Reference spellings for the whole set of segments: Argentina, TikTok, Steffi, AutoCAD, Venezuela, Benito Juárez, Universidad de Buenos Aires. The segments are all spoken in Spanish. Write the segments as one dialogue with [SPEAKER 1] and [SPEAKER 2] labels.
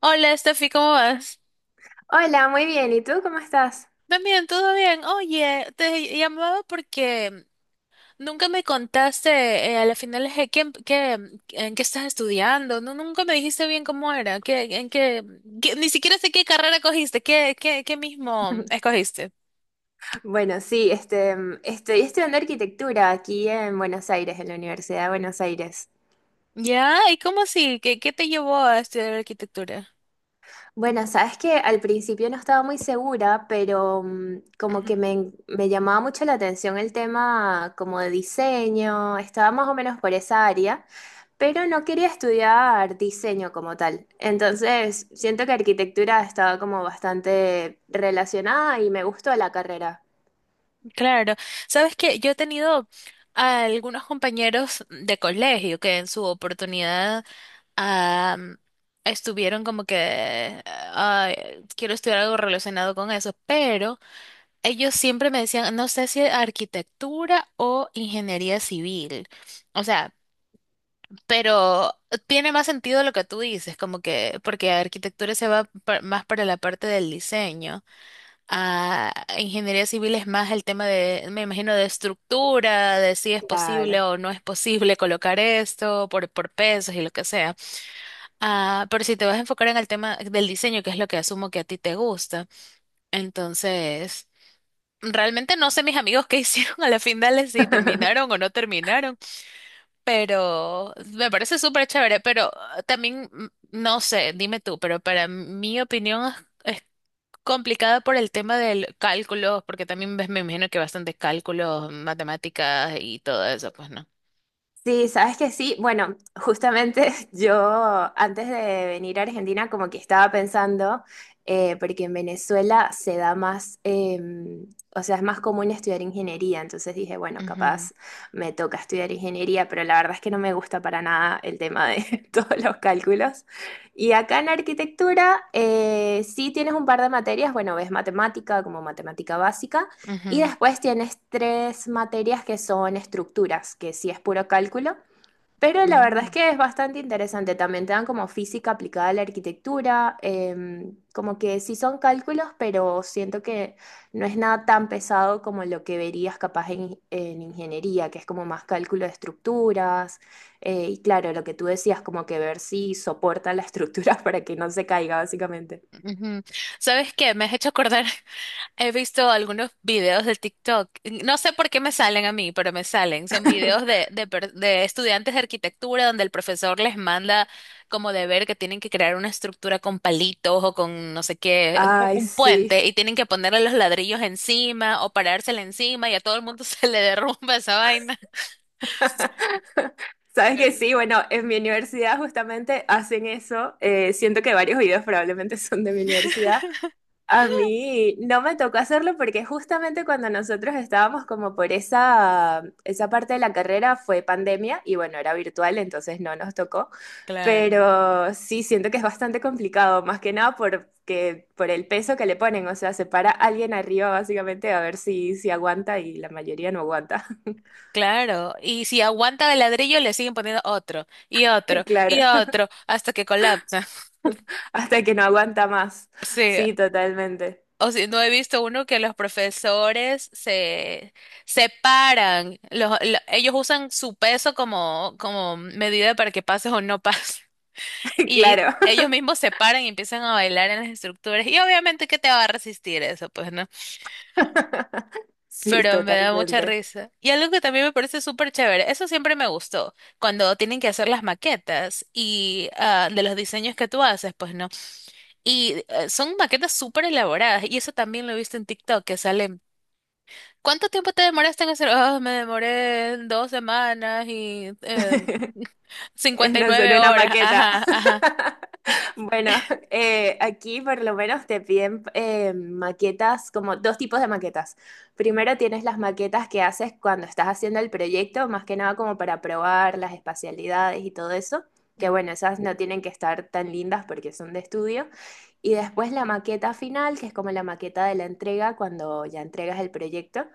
[SPEAKER 1] Hola, Steffi, ¿cómo vas?
[SPEAKER 2] Hola, muy bien. ¿Y tú cómo estás?
[SPEAKER 1] También, todo bien. Oye, te llamaba porque nunca me contaste a la final en qué estás estudiando. No, nunca me dijiste bien cómo era, qué, en qué, qué- ni siquiera sé qué carrera cogiste, qué mismo escogiste.
[SPEAKER 2] Bueno, sí, estoy estudiando arquitectura aquí en Buenos Aires, en la Universidad de Buenos Aires.
[SPEAKER 1] Ya, ¿y cómo así? Qué te llevó a estudiar arquitectura?
[SPEAKER 2] Bueno, sabes que al principio no estaba muy segura, pero como que me llamaba mucho la atención el tema como de diseño, estaba más o menos por esa área, pero no quería estudiar diseño como tal. Entonces, siento que arquitectura estaba como bastante relacionada y me gustó la carrera.
[SPEAKER 1] Claro, sabes que yo he tenido a algunos compañeros de colegio que en su oportunidad am, estuvieron como que "Ay, quiero estudiar algo relacionado con eso", pero ellos siempre me decían, no sé si arquitectura o ingeniería civil. O sea, pero tiene más sentido lo que tú dices, como que porque arquitectura se va más para la parte del diseño a ingeniería civil es más el tema de, me imagino, de estructura, de si es
[SPEAKER 2] Claro.
[SPEAKER 1] posible o no es posible colocar esto por pesos y lo que sea. Ah, pero si te vas a enfocar en el tema del diseño, que es lo que asumo que a ti te gusta, entonces, realmente no sé mis amigos qué hicieron a la final, si terminaron o no terminaron, pero me parece súper chévere, pero no sé, dime tú, pero para mi opinión... Complicada por el tema del cálculo, porque también me imagino que bastantes cálculos, matemáticas y todo eso, pues no.
[SPEAKER 2] Sí, sabes que sí. Bueno, justamente yo antes de venir a Argentina como que estaba pensando, porque en Venezuela se da más, o sea, es más común estudiar ingeniería, entonces dije, bueno,
[SPEAKER 1] Ujú,
[SPEAKER 2] capaz me toca estudiar ingeniería, pero la verdad es que no me gusta para nada el tema de todos los cálculos. Y acá en arquitectura sí tienes un par de materias, bueno, ves matemática como matemática básica. Y
[SPEAKER 1] ujú,
[SPEAKER 2] después tienes tres materias que son estructuras, que sí es puro cálculo, pero la verdad es
[SPEAKER 1] mm.
[SPEAKER 2] que es bastante interesante. También te dan como física aplicada a la arquitectura, como que sí son cálculos, pero siento que no es nada tan pesado como lo que verías capaz en ingeniería, que es como más cálculo de estructuras. Y claro, lo que tú decías, como que ver si soporta la estructura para que no se caiga, básicamente.
[SPEAKER 1] Ujú. ¿Sabes qué? Me has hecho acordar. He visto algunos videos de TikTok. No sé por qué me salen a mí, pero me salen. Son videos de estudiantes de arquitectura donde el profesor les manda como deber que tienen que crear una estructura con palitos o con no sé qué,
[SPEAKER 2] Ay,
[SPEAKER 1] un
[SPEAKER 2] sí.
[SPEAKER 1] puente y tienen que ponerle los ladrillos encima o parársela encima y a todo el mundo se le derrumba esa vaina.
[SPEAKER 2] Sabes que
[SPEAKER 1] Pero-
[SPEAKER 2] sí, bueno, en mi universidad justamente hacen eso. Siento que varios videos probablemente son de mi universidad. A mí no me tocó hacerlo porque justamente cuando nosotros estábamos como por esa parte de la carrera fue pandemia y bueno, era virtual, entonces no nos tocó.
[SPEAKER 1] Claro.
[SPEAKER 2] Pero sí, siento que es bastante complicado, más que nada porque, por el peso que le ponen. O sea, se para alguien arriba básicamente a ver si, si aguanta y la mayoría no aguanta.
[SPEAKER 1] Claro, y si aguanta el ladrillo, le siguen poniendo otro, y otro, y
[SPEAKER 2] Claro.
[SPEAKER 1] otro, hasta que colapsa.
[SPEAKER 2] Hasta que no aguanta más.
[SPEAKER 1] Sí,
[SPEAKER 2] Sí, totalmente.
[SPEAKER 1] o si no he visto uno que los profesores se separan, ellos usan su peso como, como medida para que pases o no pases, y
[SPEAKER 2] Claro,
[SPEAKER 1] ellos mismos se paran y empiezan a bailar en las estructuras, y obviamente que te va a resistir eso, pues, ¿no?
[SPEAKER 2] sí,
[SPEAKER 1] Pero me da mucha
[SPEAKER 2] totalmente.
[SPEAKER 1] risa. Y algo que también me parece súper chévere, eso siempre me gustó, cuando tienen que hacer las maquetas y de los diseños que tú haces, pues no. Y son maquetas súper elaboradas y eso también lo he visto en TikTok que salen. ¿Cuánto tiempo te demoraste en hacer? Oh, me demoré 2 semanas y
[SPEAKER 2] Es
[SPEAKER 1] cincuenta y
[SPEAKER 2] no ser
[SPEAKER 1] nueve
[SPEAKER 2] una
[SPEAKER 1] horas.
[SPEAKER 2] maqueta.
[SPEAKER 1] Ajá, ajá.
[SPEAKER 2] Bueno, aquí por lo menos te piden maquetas, como dos tipos de maquetas. Primero tienes las maquetas que haces cuando estás haciendo el proyecto, más que nada como para probar las espacialidades y todo eso, que bueno, esas no tienen que estar tan lindas porque son de estudio. Y después la maqueta final, que es como la maqueta de la entrega, cuando ya entregas el proyecto,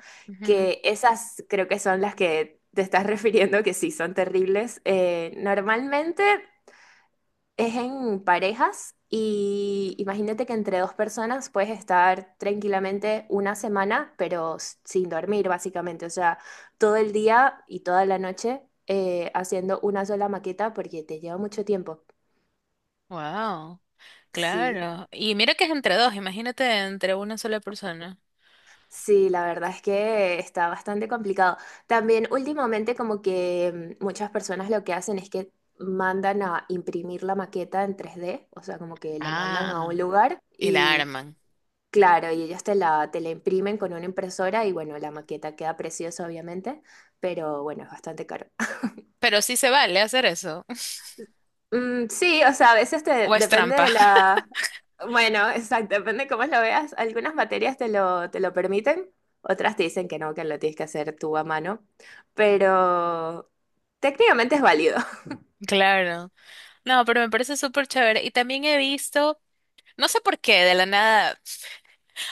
[SPEAKER 2] que esas creo que son las que te estás refiriendo, que sí, son terribles. Normalmente... Es en parejas y imagínate que entre dos personas puedes estar tranquilamente una semana, pero sin dormir básicamente, o sea, todo el día y toda la noche haciendo una sola maqueta porque te lleva mucho tiempo.
[SPEAKER 1] Wow,
[SPEAKER 2] Sí,
[SPEAKER 1] claro. Y mira que es entre dos, imagínate entre una sola persona.
[SPEAKER 2] sí, la verdad es que está bastante complicado. También últimamente como que muchas personas lo que hacen es que mandan a imprimir la maqueta en 3D, o sea, como que la mandan a un
[SPEAKER 1] Ah,
[SPEAKER 2] lugar
[SPEAKER 1] y la
[SPEAKER 2] y
[SPEAKER 1] arman.
[SPEAKER 2] claro, y ellos te la imprimen con una impresora y bueno, la maqueta queda preciosa obviamente, pero bueno, es bastante caro.
[SPEAKER 1] Pero sí se vale hacer eso.
[SPEAKER 2] Mm, sí, o sea, a veces te,
[SPEAKER 1] ¿O es
[SPEAKER 2] depende
[SPEAKER 1] trampa?
[SPEAKER 2] de la... Bueno, exacto, depende cómo lo veas. Algunas materias te lo permiten, otras te dicen que no, que lo tienes que hacer tú a mano, pero técnicamente es válido,
[SPEAKER 1] Claro. No, pero me parece súper chévere. Y también he visto, no sé por qué, de la nada.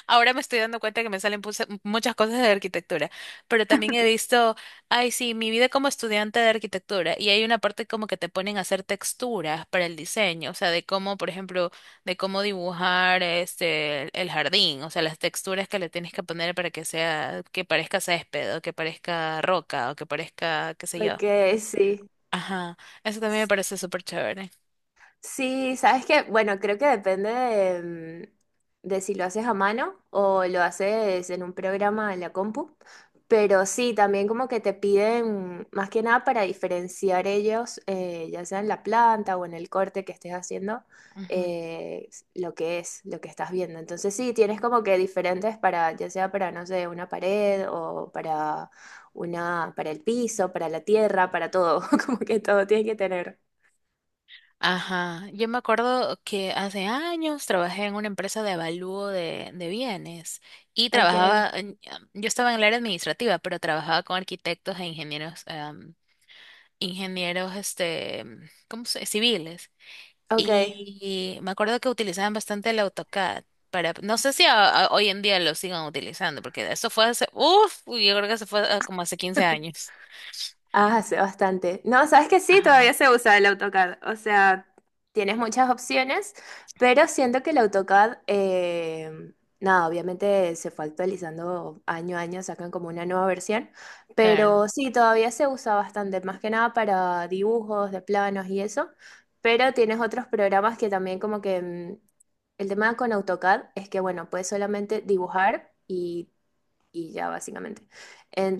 [SPEAKER 1] Ahora me estoy dando cuenta que me salen muchas cosas de arquitectura, pero también he visto, ay, sí, mi vida como estudiante de arquitectura, y hay una parte como que te ponen a hacer texturas para el diseño, o sea, de cómo, por ejemplo, de cómo dibujar este el jardín, o sea, las texturas que le tienes que poner para que sea, que parezca césped, o que parezca roca, o que parezca, qué sé yo.
[SPEAKER 2] porque sí.
[SPEAKER 1] Ajá, eso también me parece súper chévere.
[SPEAKER 2] Sí, sabes que, bueno, creo que depende de, de si lo haces a mano o lo haces en un programa en la compu, pero sí, también como que te piden más que nada para diferenciar ellos, ya sea en la planta o en el corte que estés haciendo, eh, lo que es, lo que estás viendo. Entonces sí, tienes como que diferentes para, ya sea para, no sé, una pared o para una, para el piso, para la tierra, para todo, como que todo tiene que tener.
[SPEAKER 1] Ajá, yo me acuerdo que hace años trabajé en una empresa de avalúo de bienes y
[SPEAKER 2] Ok.
[SPEAKER 1] yo estaba en el área administrativa, pero trabajaba con arquitectos e ingenieros, ingenieros, este, ¿cómo se? Civiles.
[SPEAKER 2] Ok,
[SPEAKER 1] Y me acuerdo que utilizaban bastante el AutoCAD para, no sé si hoy en día lo sigan utilizando, porque eso fue hace, uff, yo creo que se fue como hace 15 años.
[SPEAKER 2] ah, hace bastante. No, sabes que sí,
[SPEAKER 1] Ajá,
[SPEAKER 2] todavía se usa el AutoCAD. O sea, tienes muchas opciones, pero siento que el AutoCAD, nada, obviamente se fue actualizando año a año, sacan como una nueva versión,
[SPEAKER 1] claro.
[SPEAKER 2] pero sí, todavía se usa bastante, más que nada para dibujos de planos y eso, pero tienes otros programas que también como que el tema con AutoCAD es que, bueno, puedes solamente dibujar y ya básicamente.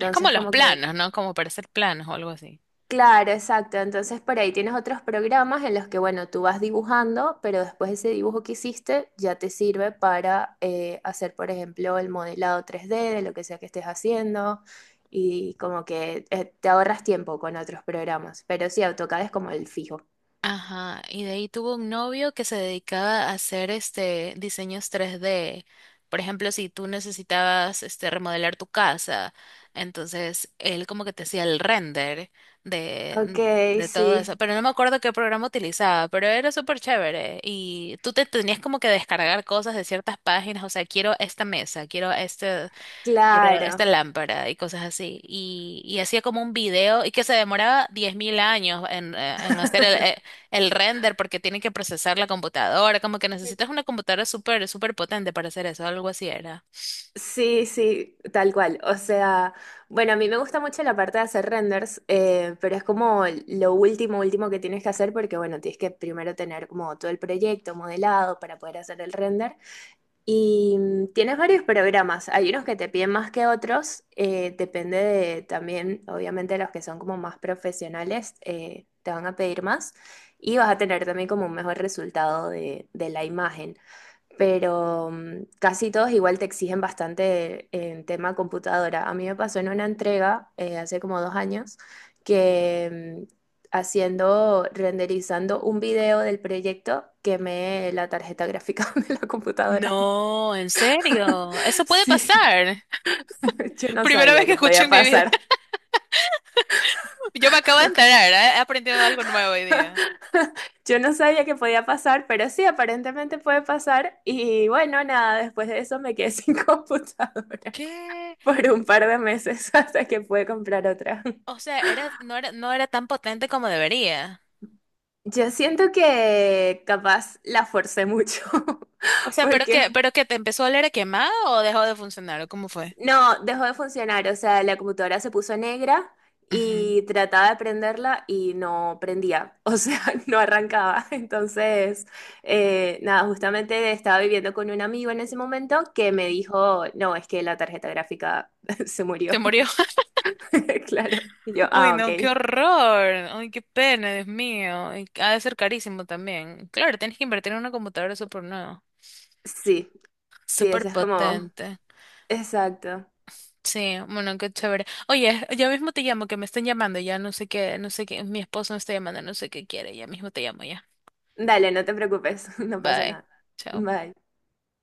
[SPEAKER 1] Es como los
[SPEAKER 2] como que
[SPEAKER 1] planos, ¿no? Como para hacer planos o algo así.
[SPEAKER 2] claro, exacto. Entonces por ahí tienes otros programas en los que, bueno, tú vas dibujando, pero después ese dibujo que hiciste ya te sirve para hacer, por ejemplo, el modelado 3D de lo que sea que estés haciendo y como que te ahorras tiempo con otros programas. Pero sí, AutoCAD es como el fijo.
[SPEAKER 1] Ajá, y de ahí tuvo un novio que se dedicaba a hacer este diseños 3D. Por ejemplo, si tú necesitabas este remodelar tu casa, entonces él como que te hacía el render
[SPEAKER 2] Ok,
[SPEAKER 1] de todo eso.
[SPEAKER 2] sí,
[SPEAKER 1] Pero no me acuerdo qué programa utilizaba, pero era súper chévere. Y tú te tenías como que descargar cosas de ciertas páginas, o sea, quiero esta mesa, quiero este era esta
[SPEAKER 2] claro.
[SPEAKER 1] lámpara y cosas así. Y hacía como un video y que se demoraba 10.000 años en hacer el render porque tiene que procesar la computadora. Como que necesitas una computadora súper, súper potente para hacer eso, algo así era.
[SPEAKER 2] Sí, sí, tal cual. O sea, bueno, a mí me gusta mucho la parte de hacer renders, pero es como lo último, último que tienes que hacer porque, bueno, tienes que primero tener como todo el proyecto modelado para poder hacer el render. Y tienes varios programas. Hay unos que te piden más que otros. Depende de también, obviamente, los que son como más profesionales, te van a pedir más y vas a tener también como un mejor resultado de la imagen, pero casi todos igual te exigen bastante en tema computadora. A mí me pasó en una entrega hace como 2 años que haciendo, renderizando un video del proyecto, quemé la tarjeta gráfica de la computadora.
[SPEAKER 1] No, en serio, eso puede
[SPEAKER 2] Sí,
[SPEAKER 1] pasar.
[SPEAKER 2] yo no
[SPEAKER 1] Primera vez
[SPEAKER 2] sabía
[SPEAKER 1] que
[SPEAKER 2] que
[SPEAKER 1] escucho
[SPEAKER 2] podía
[SPEAKER 1] en mi vida.
[SPEAKER 2] pasar.
[SPEAKER 1] Yo me acabo de enterar, ¿eh? He aprendido algo nuevo hoy día.
[SPEAKER 2] Yo no sabía que podía pasar, pero sí, aparentemente puede pasar. Y bueno, nada, después de eso me quedé sin computadora
[SPEAKER 1] ¿Qué?
[SPEAKER 2] por un par de meses hasta que pude comprar otra.
[SPEAKER 1] O sea, era, no era, no era tan potente como debería.
[SPEAKER 2] Yo siento que capaz la forcé mucho,
[SPEAKER 1] O sea,
[SPEAKER 2] porque
[SPEAKER 1] pero que te empezó a oler a quemado o dejó de funcionar, ¿o cómo fue?
[SPEAKER 2] no, dejó de funcionar, o sea, la computadora se puso negra
[SPEAKER 1] Ujú.
[SPEAKER 2] y trataba de prenderla y no prendía, o sea, no arrancaba. Entonces, nada, justamente estaba viviendo con un amigo en ese momento que me dijo, no, es que la tarjeta gráfica se
[SPEAKER 1] Se
[SPEAKER 2] murió,
[SPEAKER 1] murió.
[SPEAKER 2] claro. Y yo,
[SPEAKER 1] Uy,
[SPEAKER 2] ah, ok.
[SPEAKER 1] no, qué horror. Uy, qué pena, Dios mío. Y ha de ser carísimo también. Claro, tienes que invertir en una computadora súper nueva,
[SPEAKER 2] Sí, sí,
[SPEAKER 1] súper
[SPEAKER 2] eso es como,
[SPEAKER 1] potente.
[SPEAKER 2] exacto.
[SPEAKER 1] Sí, bueno, qué chévere. Oye, ya mismo te llamo, que me están llamando, ya no sé qué, no sé qué, mi esposo me está llamando, no sé qué quiere, ya mismo te llamo ya.
[SPEAKER 2] Dale, no te preocupes, no pasa
[SPEAKER 1] Bye.
[SPEAKER 2] nada.
[SPEAKER 1] Chao.
[SPEAKER 2] Bye.